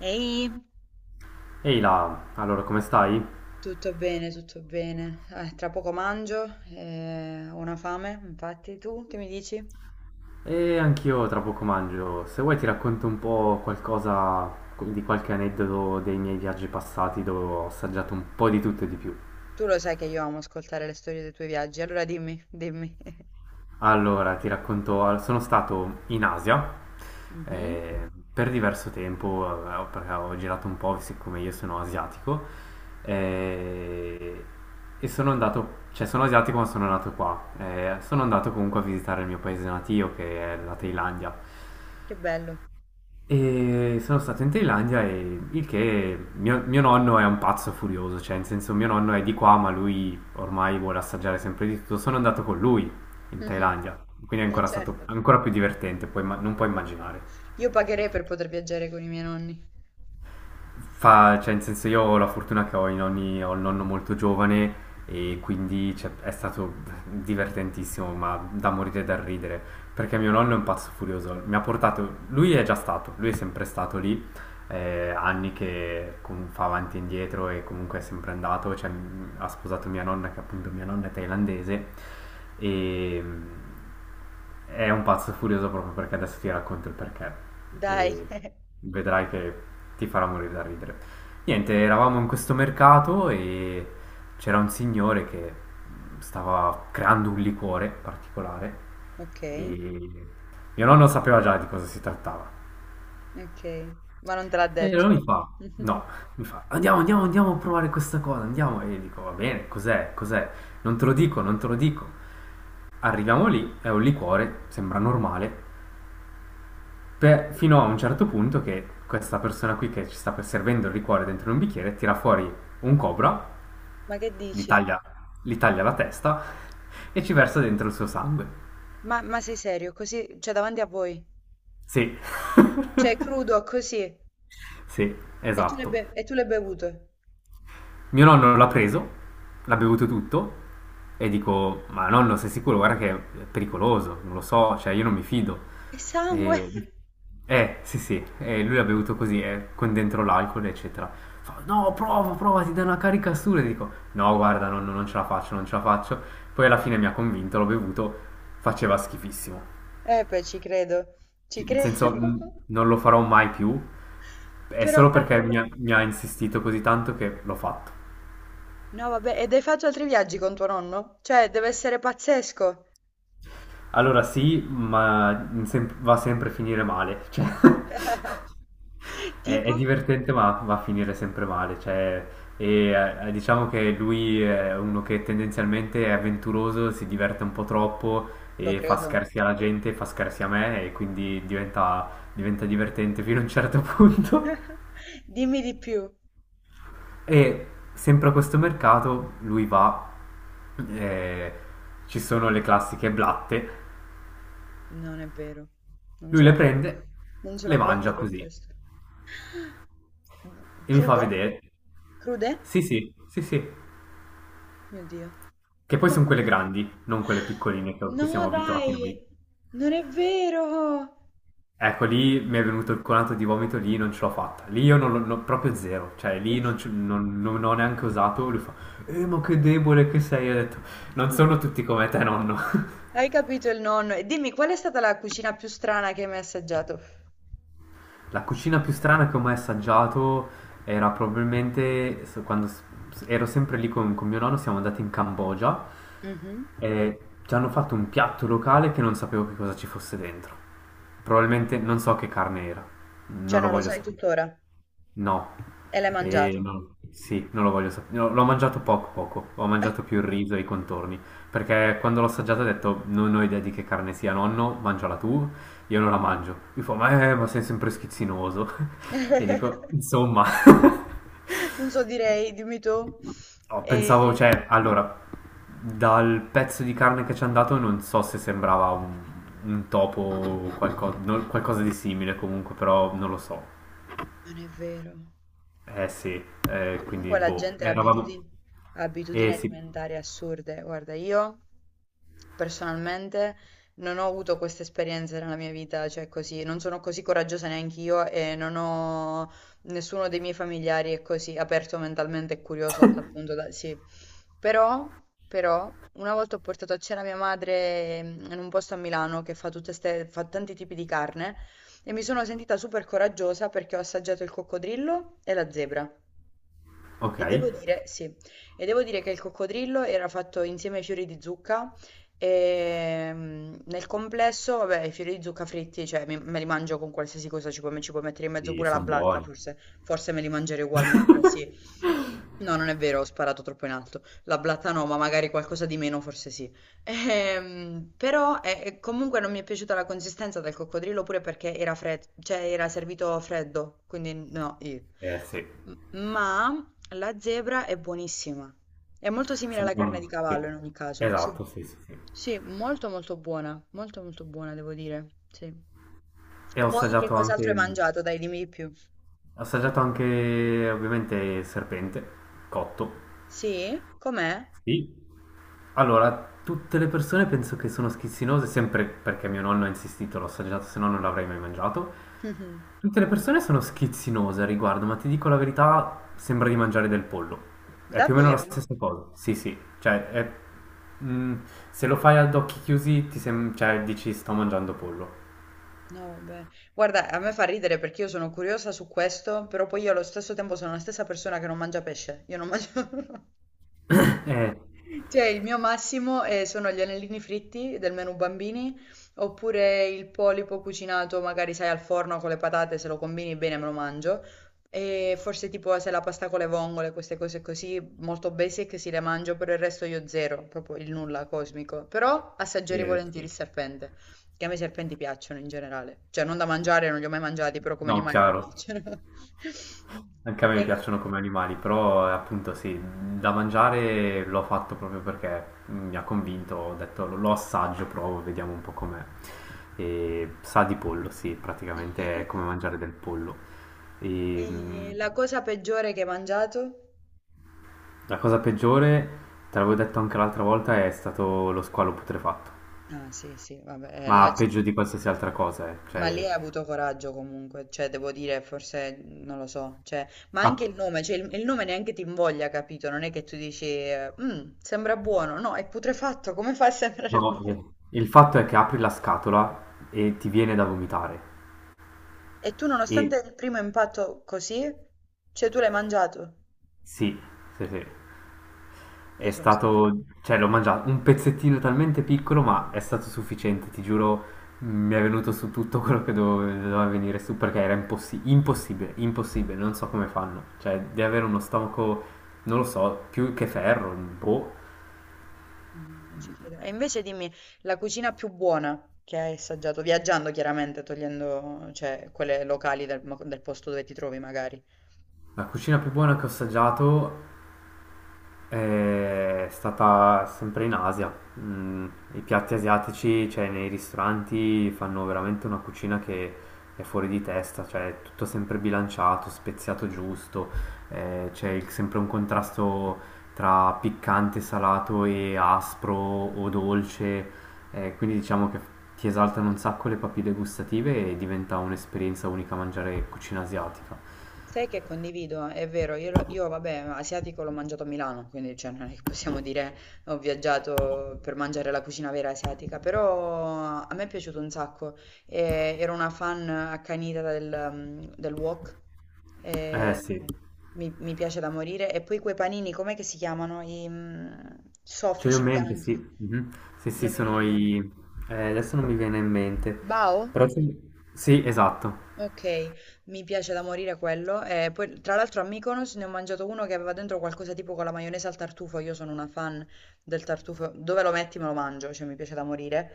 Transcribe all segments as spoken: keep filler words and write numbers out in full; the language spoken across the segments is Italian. Ehi. Ehi là, allora come stai? Tutto bene, tutto bene. Eh, tra poco mangio, eh, ho una fame. Infatti, tu che mi dici? E anch'io tra poco mangio. Se vuoi ti racconto un po' qualcosa di qualche aneddoto dei miei viaggi passati dove ho assaggiato un po' di tutto e di più. Tu lo sai che io amo ascoltare le storie dei tuoi viaggi, allora dimmi, dimmi. Allora, ti racconto, sono stato in Asia Mhm. eh, per diverso tempo, eh, perché ho girato un po', siccome io sono asiatico, eh, e sono andato, cioè sono asiatico ma sono nato qua. Eh, sono andato comunque a visitare il mio paese natio che è la Thailandia. Che bello. E sono stato in Thailandia e il che mio, mio nonno è un pazzo furioso, cioè in senso mio nonno è di qua ma lui ormai vuole assaggiare sempre di tutto. Sono andato con lui in Thailandia, quindi è Eh, ancora stato certo. ancora più divertente, puoi imma- non puoi immaginare. Io pagherei per poter viaggiare con i miei nonni. Fa, cioè, in senso io ho la fortuna che ho i nonni, ho il nonno molto giovane e quindi cioè, è stato divertentissimo, ma da morire e da ridere, perché mio nonno è un pazzo furioso, mi ha portato, lui è già stato, lui è sempre stato lì, eh, anni che com- fa avanti e indietro e comunque è sempre andato, cioè, m- ha sposato mia nonna, che appunto mia nonna è thailandese, e mm, è un pazzo furioso proprio perché adesso ti racconto il perché Dai. e vedrai che ti farà morire da ridere. Niente, eravamo in questo mercato e c'era un signore che stava creando un liquore particolare Ok, e mio nonno sapeva già di cosa si trattava. ok, ma non te l'ha E detto. allora mi fa, no, mi fa, andiamo, andiamo, andiamo a provare questa cosa, andiamo. E io dico, va bene, cos'è, cos'è? Non te lo dico, non te lo dico. Arriviamo lì, è un liquore, sembra normale, Per- fino a un certo punto che questa persona qui che ci sta servendo il liquore dentro un bicchiere tira fuori un cobra, Ma che gli dici? taglia, gli taglia la testa e ci versa dentro il suo sangue. Ma, ma sei serio? Così, cioè davanti a voi? Sì, Cioè, crudo, così. sì, E tu l'hai be- esatto. e tu l'hai bevuto? Mio nonno l'ha preso, l'ha bevuto tutto e dico, ma nonno sei sicuro? Guarda che è pericoloso, non lo so, cioè io non mi fido. E sangue! E, eh, sì, sì, e lui l'ha bevuto così, eh, con dentro l'alcol, eccetera. Fa, no, prova, prova, ti dà una carica assurda. E dico, no, guarda, non, non ce la faccio, non ce la faccio. Poi alla fine mi ha convinto, l'ho bevuto, faceva schifissimo. Eh beh, ci credo, C- ci Nel senso, credo. n- non lo farò mai più. È Però solo perché cavolo. mi ha mi ha insistito così tanto che l'ho fatto. No, vabbè, ed hai fatto altri viaggi con tuo nonno? Cioè, deve essere pazzesco. Allora sì, ma in sem- va sempre a finire male. Cioè, è, Tipo? è divertente, ma va a finire sempre male. Cioè, e, eh, diciamo che lui è uno che tendenzialmente è avventuroso, si diverte un po' troppo Lo e fa credo. scherzi alla gente, fa scherzi a me, e quindi diventa, diventa divertente fino a un certo punto. Dimmi di più. E sempre a questo mercato lui va, eh, ci sono le classiche blatte. Non è vero. Non Lui le sono pronta. prende, Non le sono mangia pronta per così questo. e mi fa Crude? vedere. Crude? Sì, sì, sì, sì. Mio Dio. Che poi sono quelle grandi, non quelle piccoline che- a cui No, siamo abituati noi. dai. Non è vero. Ecco, lì mi è venuto il colato di vomito, lì non ce l'ho fatta. Lì io non l'ho non- proprio zero, cioè lì Uff. non, ci- non- non- non ho neanche usato. Lui fa, eh, ma che debole che sei. Io ho detto, non sono tutti come te, nonno. Hai capito il nonno? E dimmi, qual è stata la cucina più strana che hai mai assaggiato? La cucina più strana che ho mai assaggiato era probabilmente s- quando s- s- ero sempre lì con, con mio nonno, siamo andati in Cambogia Mh-mh. e ci hanno fatto un piatto locale che non sapevo che cosa ci fosse dentro. Probabilmente non so che carne era, Cioè non lo non lo voglio sai sapere. tuttora No, e l'hai e mangiato. no, sì, non lo voglio sapere. No, l'ho mangiato poco poco, ho mangiato più il riso e i contorni, perché quando l'ho assaggiato ho detto non ho idea di che carne sia, nonno, mangiala tu, io non la mangio. Mi fa, ma, eh, ma sei sempre schizzinoso. E dico, insomma, Non so direi, dimmi tu. Oh, pensavo, Ehm, cioè, allora, dal pezzo di carne che ci hanno dato non so se sembrava un, un topo o qualco- no- qualcosa di simile comunque, però non lo so. non è vero. Eh sì, eh, quindi Comunque la boh, gente ha eravamo... abitudini, ha abitudini Eh sì, alimentari assurde. Guarda, io personalmente non ho avuto queste esperienze nella mia vita, cioè così, non sono così coraggiosa neanche io e non ho nessuno dei miei familiari è così aperto mentalmente e curioso a tal punto da sì. Però, però, una volta ho portato a cena mia madre mm, in un posto a Milano che fa tutte ste, fa tanti tipi di carne e mi sono sentita super coraggiosa perché ho assaggiato il coccodrillo e la zebra. ok, E devo dire sì, e devo dire che il coccodrillo era fatto insieme ai fiori di zucca e mm, nel complesso, vabbè, i fiori di zucca fritti, cioè mi- me li mangio con qualsiasi cosa, ci puoi, ci puoi mettere in mezzo pure la sono blatta, buoni. forse, forse me li mangerei ugualmente, sì. No, non è vero, ho sparato troppo in alto. La blatta no, ma magari qualcosa di meno, forse sì. Ehm, però eh, comunque non mi è piaciuta la consistenza del coccodrillo pure perché era fred- cioè era servito freddo, quindi no, io. Eh sì, M- Ma la zebra è buonissima. È molto simile alla sembra carne di un... sì. cavallo in ogni caso. Sì, Esatto, sì, sì, sì. sì, molto molto buona, molto molto buona devo dire. Sì. E ho Poi che assaggiato anche... cos'altro hai mangiato? Dai, dimmi di più. Ho assaggiato anche ovviamente serpente, cotto. Sì? Com'è? Sì. Allora, tutte le persone penso che sono schizzinose, sempre perché mio nonno ha insistito, l'ho assaggiato, se no non l'avrei mai mangiato. Mhm. Tutte le persone sono schizzinose a riguardo, ma ti dico la verità, sembra di mangiare del pollo. È più o meno la Davvero? stessa cosa. Sì, sì, cioè è- mm, se lo fai ad occhi chiusi ti sem- cioè, dici sto mangiando pollo. No, vabbè. Guarda, a me fa ridere perché io sono curiosa su questo, però poi io allo stesso tempo sono la stessa persona che non mangia pesce. Io non mangio... Eh, Cioè il mio massimo, ehm, sono gli anellini fritti del menù bambini, oppure il polipo cucinato magari sai al forno con le patate, se lo combini bene me lo mangio, e forse tipo se la pasta con le vongole, queste cose così molto basic si le mangio, per il resto io zero, proprio il nulla cosmico. Però assaggerei eh, volentieri sì. il serpente, che a me i serpenti piacciono in generale, cioè non da mangiare, non li ho mai mangiati, però come No, animali mi chiaro. piacciono. Anche a me mi E... piacciono come animali, però eh, appunto sì, da mangiare l'ho fatto proprio perché mm, mi ha convinto, ho detto lo lo assaggio, provo, vediamo un po' com'è. E sa di pollo, sì, praticamente è come mangiare del pollo. E, mm, E la cosa peggiore che hai mangiato? la cosa peggiore, te l'avevo detto anche l'altra volta, è stato lo squalo putrefatto, Ah sì, sì, vabbè, eh, là ma c- peggio di qualsiasi altra cosa, eh. ma lì Cioè, hai avuto coraggio comunque, cioè devo dire, forse mhmm, non lo so, cioè, ma ah, anche il nome, cioè il, il nome neanche ti invoglia, capito? Non è che tu dici, eh, "Mm, sembra buono, no, è putrefatto, come fa a sembrare no, buono? eh, il fatto è che apri la scatola e ti viene da vomitare. E tu E nonostante il primo impatto così, cioè tu l'hai mangiato? sì, sì, sì. Io È sono stata... stato, cioè l'ho mangiato un pezzettino talmente piccolo, ma è stato sufficiente, ti giuro, mi è venuto su tutto quello che dove- doveva venire su perché era impossi- impossibile, impossibile, non so come fanno. Cioè, di avere uno stomaco, non lo so, più che ferro, boh. No, non ci credo. E invece dimmi, la cucina più buona che hai assaggiato, viaggiando chiaramente, togliendo, cioè, quelle locali del, mo- del posto dove ti trovi magari. La cucina più buona che ho assaggiato è stata sempre in Asia. Mm, I piatti asiatici, cioè nei ristoranti, fanno veramente una cucina che è fuori di testa, cioè è tutto sempre bilanciato, speziato giusto, eh, c'è il- sempre un contrasto tra piccante, salato e aspro o dolce, eh, quindi diciamo che ti esaltano un sacco le papille gustative e diventa un'esperienza unica mangiare cucina asiatica. Sai che condivido, è vero, io, lo- io, vabbè, asiatico l'ho mangiato a Milano, quindi cioè, non è che possiamo dire ho viaggiato per mangiare la cucina vera asiatica, però a me è piaciuto un sacco, e ero una fan accanita del, mm, del wok, Eh e sì. mi, mi piace da morire, e poi quei panini, com'è che si chiamano? I mm, Ce li ho soffici in mente, sì. bianchi, Mhm. Sì, sì, non mi viene sono il nome. i... eh, adesso non mi viene in mente. Bao? Però ce li- sì, esatto. Ok, mi piace da morire quello. E poi, tra l'altro, a Mykonos ne ho mangiato uno che aveva dentro qualcosa tipo con la maionese al tartufo. Io sono una fan del tartufo. Dove lo metti me lo mangio, cioè mi piace da morire.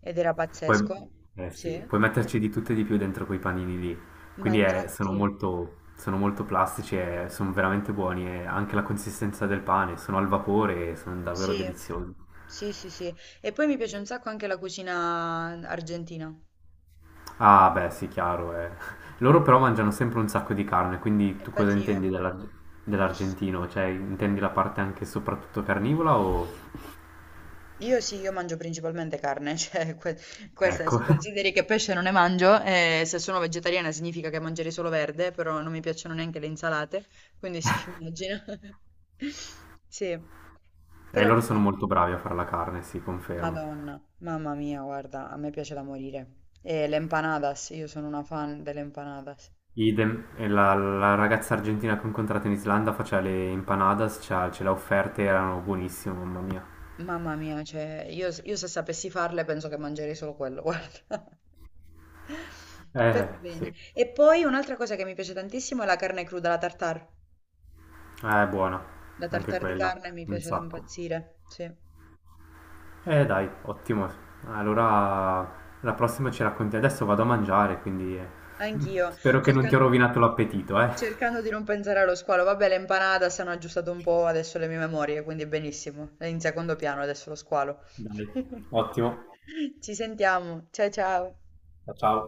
Ed era Puoi... pazzesco. eh, sì, Sì, puoi metterci di tutto e di più dentro quei panini lì. ma Quindi eh, infatti, sono molto... sono molto plastici e sono veramente buoni. E anche la consistenza del pane, sono al vapore e sono davvero sì, deliziosi. sì, sì, sì. E poi mi piace un sacco anche la cucina argentina. Ah, beh, sì, chiaro, eh. Loro però mangiano sempre un sacco di carne, quindi E tu cosa infatti io. intendi dell'ar- dell'argentino? Cioè, intendi la parte anche soprattutto carnivora o... Io sì, io mangio principalmente carne, cioè que- questa, Ecco. se consideri che pesce non ne mangio, eh, se sono vegetariana significa che mangerei solo verde, però non mi piacciono neanche le insalate, quindi sì, immagino. Sì, E però loro sono bene. molto bravi a fare la carne, sì, confermo. Madonna, mamma mia, guarda, a me piace da morire. E le empanadas, io sono una fan delle empanadas. Idem, e la, la ragazza argentina che ho incontrato in Islanda faceva le empanadas, cioè, ce l'ha offerte, erano buonissime, mamma mia. Mamma mia, cioè, io, io se sapessi farle penso che mangerei solo quello, guarda. Per Eh, bene. sì, E poi un'altra cosa che mi piace tantissimo è la carne cruda, la tartare. eh, è buona, La anche tartare di quella, carne mi un piace da sacco. impazzire. Sì, sì. Eh, dai, ottimo. Allora, la prossima ci racconti. Adesso vado a mangiare, quindi eh, Anch'io, spero che non ti ho cercando, rovinato l'appetito, eh. cercando di non pensare allo squalo. Vabbè, le empanada si hanno aggiustato un po' adesso le mie memorie, quindi benissimo. È in secondo piano adesso lo squalo. Dai, ottimo. Ci sentiamo. Ciao ciao. Ciao.